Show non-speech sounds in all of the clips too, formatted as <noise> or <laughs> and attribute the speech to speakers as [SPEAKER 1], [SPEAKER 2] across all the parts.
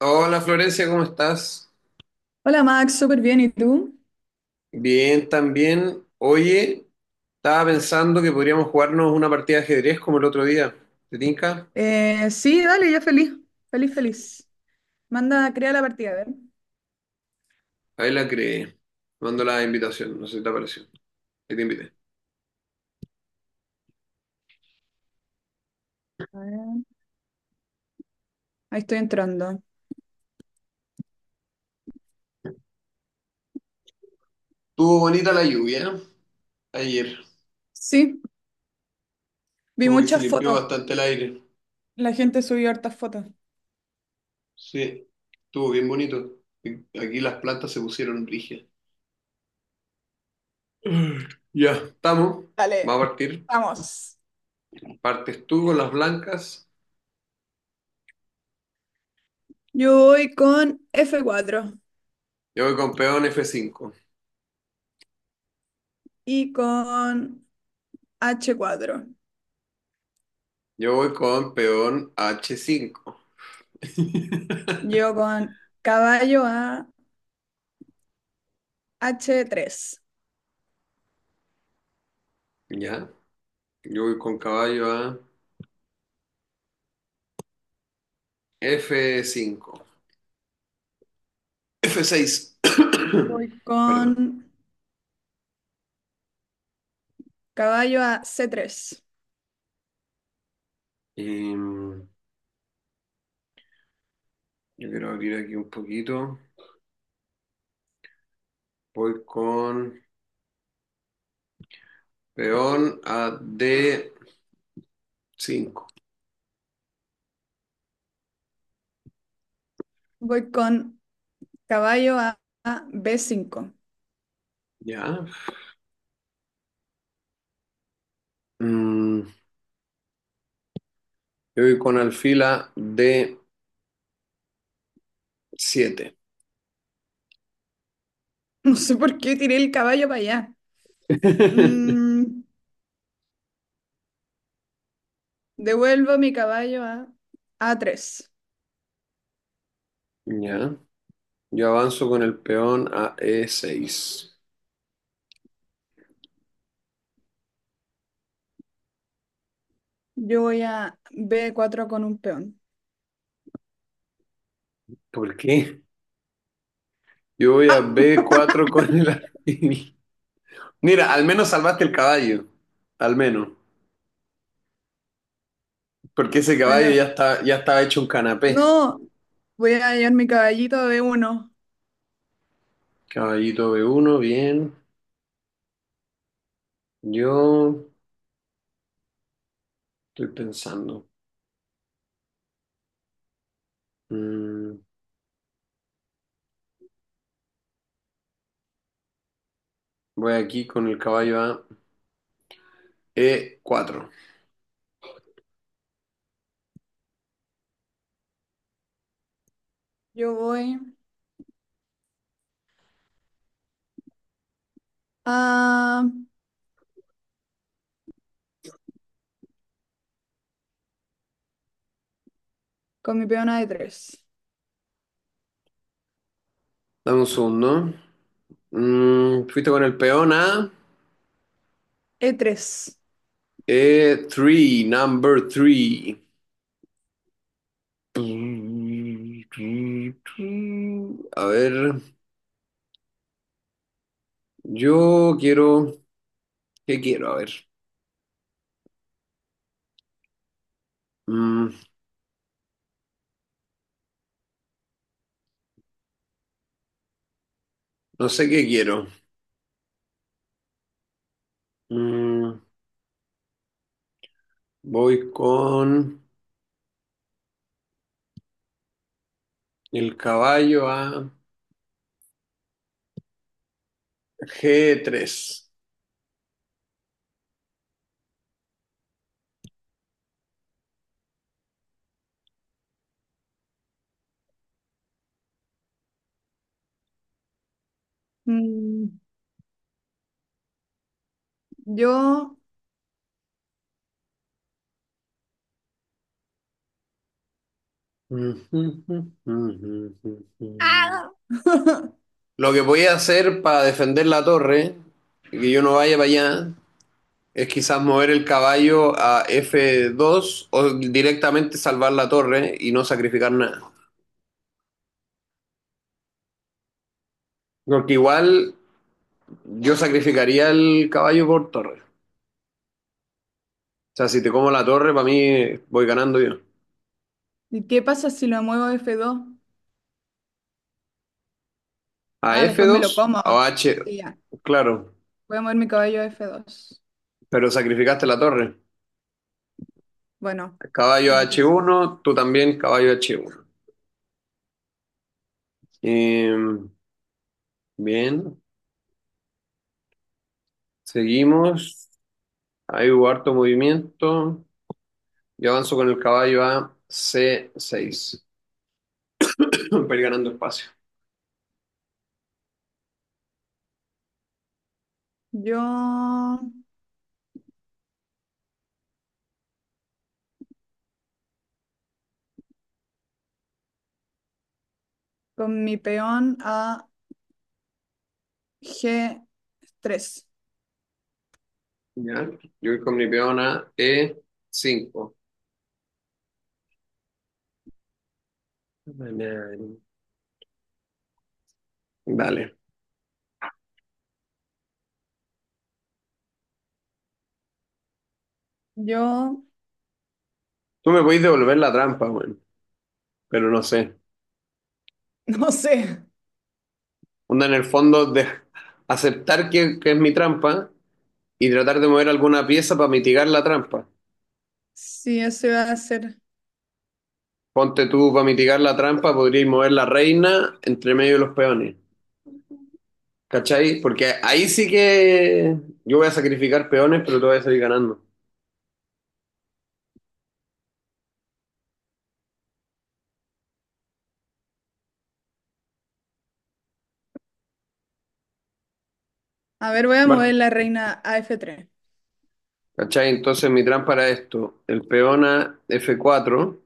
[SPEAKER 1] Hola Florencia, ¿cómo estás?
[SPEAKER 2] Hola Max, súper bien, ¿y tú?
[SPEAKER 1] Bien, también. Oye, estaba pensando que podríamos jugarnos una partida de ajedrez como el otro día. ¿Te tinca?
[SPEAKER 2] Sí, dale, ya feliz, feliz, feliz. Manda, crea la partida, a ver.
[SPEAKER 1] Ahí la creé. Mando la invitación, no sé si te apareció. Ahí te invité.
[SPEAKER 2] A ver. Ahí estoy entrando.
[SPEAKER 1] Estuvo bonita la lluvia, ¿eh? Ayer,
[SPEAKER 2] Sí, vi
[SPEAKER 1] como que se
[SPEAKER 2] muchas
[SPEAKER 1] limpió
[SPEAKER 2] fotos.
[SPEAKER 1] bastante el aire.
[SPEAKER 2] La gente subió hartas fotos.
[SPEAKER 1] Sí, estuvo bien bonito. Aquí las plantas se pusieron rígidas. <clears throat> Ya, estamos. Vamos a
[SPEAKER 2] Dale,
[SPEAKER 1] partir.
[SPEAKER 2] vamos.
[SPEAKER 1] Partes tú con las blancas.
[SPEAKER 2] Yo voy con F4
[SPEAKER 1] Yo voy con peón F5.
[SPEAKER 2] y con H4.
[SPEAKER 1] Yo voy con peón H5. <laughs>
[SPEAKER 2] Yo con caballo a H3.
[SPEAKER 1] ¿Ya? Yo voy con caballo a F5. F6. <coughs>
[SPEAKER 2] Voy
[SPEAKER 1] Perdón.
[SPEAKER 2] con caballo a C3.
[SPEAKER 1] Em, yo quiero abrir aquí un poquito. Voy con peón a D5.
[SPEAKER 2] Voy con caballo a B5.
[SPEAKER 1] ¿Ya? Mm, yo voy con alfil a D7.
[SPEAKER 2] <laughs> No sé por qué tiré el caballo para allá.
[SPEAKER 1] <laughs>
[SPEAKER 2] Mm, devuelvo mi caballo a A3.
[SPEAKER 1] ¿Ya? Yo avanzo con el peón a E6.
[SPEAKER 2] Yo voy a B4 con un peón.
[SPEAKER 1] ¿Por qué? Yo voy a
[SPEAKER 2] ¡Ah!
[SPEAKER 1] B4 con el alfil. Mira, al menos salvaste el caballo. Al menos. Porque ese caballo
[SPEAKER 2] Bueno,
[SPEAKER 1] ya está, ya estaba hecho un canapé.
[SPEAKER 2] no. Voy a llevar mi caballito a B1.
[SPEAKER 1] Caballito B1, bien. Yo estoy pensando. Mm, voy aquí con el caballo a E4.
[SPEAKER 2] Yo voy a... con mi peón a E3.
[SPEAKER 1] Dame un segundo. Fuiste con el peón a
[SPEAKER 2] e tres
[SPEAKER 1] E3, number 3. A ver, yo quiero. ¿Qué quiero? A ver. Mm, no sé qué quiero. Mm, Voy con el caballo a G3.
[SPEAKER 2] Mm, yo... ¡Ah! <laughs>
[SPEAKER 1] Lo que voy a hacer para defender la torre y que yo no vaya para allá es quizás mover el caballo a F2 o directamente salvar la torre y no sacrificar nada. Porque igual yo sacrificaría el caballo por torre. O sea, si te como la torre, para mí voy ganando yo.
[SPEAKER 2] ¿Y qué pasa si lo muevo a F2?
[SPEAKER 1] A
[SPEAKER 2] Ah, después me lo
[SPEAKER 1] F2
[SPEAKER 2] como.
[SPEAKER 1] o H.
[SPEAKER 2] Sí, ya.
[SPEAKER 1] Claro.
[SPEAKER 2] Voy a mover mi caballo a F2.
[SPEAKER 1] Pero sacrificaste la torre.
[SPEAKER 2] Bueno,
[SPEAKER 1] Caballo
[SPEAKER 2] nada que.
[SPEAKER 1] H1, tú también caballo H1. Eh, bien, seguimos. Ahí hubo harto movimiento. Yo avanzo con el caballo a C6 <coughs> <clears throat> para ir ganando espacio.
[SPEAKER 2] Yo con mi peón a G3.
[SPEAKER 1] ¿Ya? Yo voy con mi peón a E5. Dale.
[SPEAKER 2] Yo
[SPEAKER 1] Tú me podés devolver la trampa, bueno, pero no sé.
[SPEAKER 2] <laughs> no sé
[SPEAKER 1] Onda en el fondo de aceptar que es mi trampa y tratar de mover alguna pieza para mitigar la trampa.
[SPEAKER 2] si eso va a ser.
[SPEAKER 1] Ponte tú para mitigar la trampa, podríais mover la reina entre medio de los peones. ¿Cachai? Porque ahí sí que yo voy a sacrificar peones, pero tú vas a salir ganando.
[SPEAKER 2] A ver, voy a mover
[SPEAKER 1] Bar-
[SPEAKER 2] la reina a F3.
[SPEAKER 1] ¿Cachai? Entonces mi trampa era esto. El peón a F4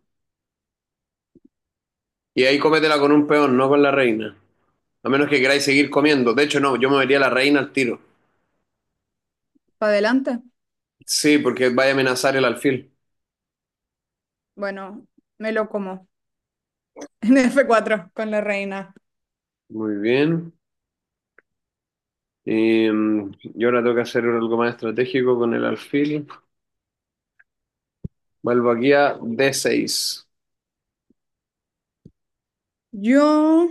[SPEAKER 1] y ahí cómetela con un peón, no con la reina. A menos que queráis seguir comiendo. De hecho, no, yo movería la reina al tiro.
[SPEAKER 2] ¿Para adelante?
[SPEAKER 1] Sí, porque vaya a amenazar el alfil.
[SPEAKER 2] Bueno, me lo como. <laughs> En F4 con la reina.
[SPEAKER 1] Muy bien. Y, y ahora tengo que hacer algo más estratégico con el alfil. Vuelvo aquí a D6.
[SPEAKER 2] Yo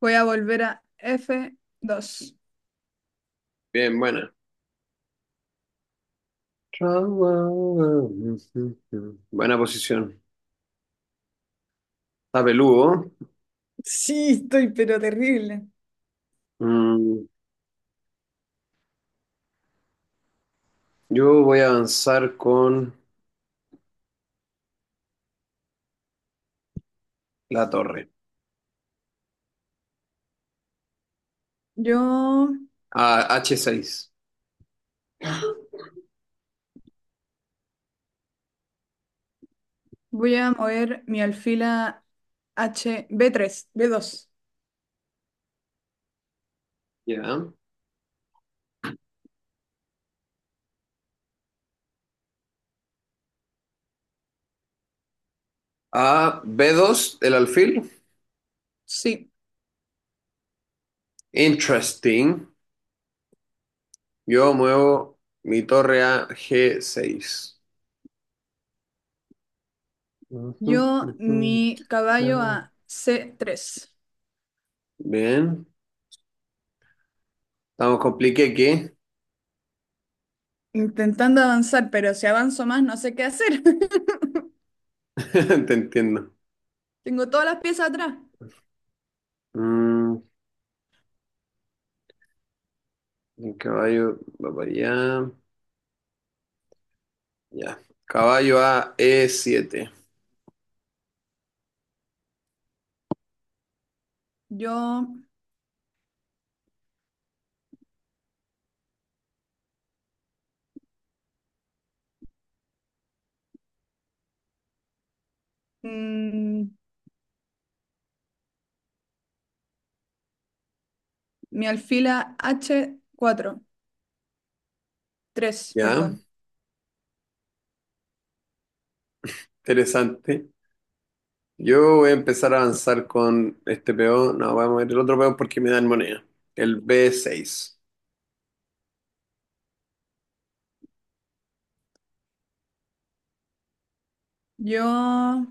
[SPEAKER 2] voy a volver a F2.
[SPEAKER 1] Bien, buena. Buena posición. Está peludo.
[SPEAKER 2] Sí, estoy pero terrible.
[SPEAKER 1] Mm, yo voy a avanzar con la torre.
[SPEAKER 2] Yo
[SPEAKER 1] A H6.
[SPEAKER 2] voy a mover mi alfil a H b tres B2.
[SPEAKER 1] Ya. A B2, el alfil.
[SPEAKER 2] Sí.
[SPEAKER 1] Interesting. Yo muevo mi torre a G6.
[SPEAKER 2] Yo, mi caballo a C3.
[SPEAKER 1] Bien. Estamos compliqué, que
[SPEAKER 2] Intentando avanzar, pero si avanzo más no sé qué hacer.
[SPEAKER 1] <laughs> te entiendo.
[SPEAKER 2] <laughs> Tengo todas las piezas atrás.
[SPEAKER 1] Mm, el caballo va para allá. Ya. Caballo a E7.
[SPEAKER 2] Yo, mm, mi alfila H4, tres,
[SPEAKER 1] Ya,
[SPEAKER 2] perdón.
[SPEAKER 1] interesante. Yo voy a empezar a avanzar con este peón. No, vamos a ver el otro peón porque me dan moneda. El B6.
[SPEAKER 2] Yo,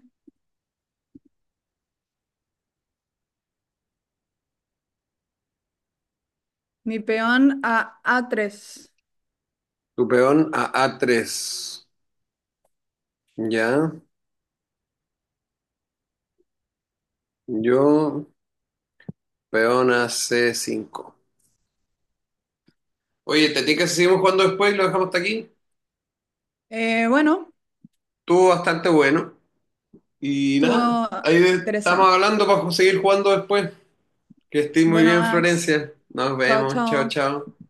[SPEAKER 2] mi peón a A3.
[SPEAKER 1] Tu peón a A3. Ya. Yo, peón a C5. Oye, ¿te tinca si seguimos jugando después y lo dejamos hasta aquí?
[SPEAKER 2] Bueno,
[SPEAKER 1] Estuvo bastante bueno. Y
[SPEAKER 2] estuvo
[SPEAKER 1] nada, ahí estamos
[SPEAKER 2] interesante.
[SPEAKER 1] hablando para seguir jugando después. Que estés muy
[SPEAKER 2] Bueno,
[SPEAKER 1] bien,
[SPEAKER 2] Max,
[SPEAKER 1] Florencia. Nos
[SPEAKER 2] chao,
[SPEAKER 1] vemos. Chao,
[SPEAKER 2] chao.
[SPEAKER 1] chao.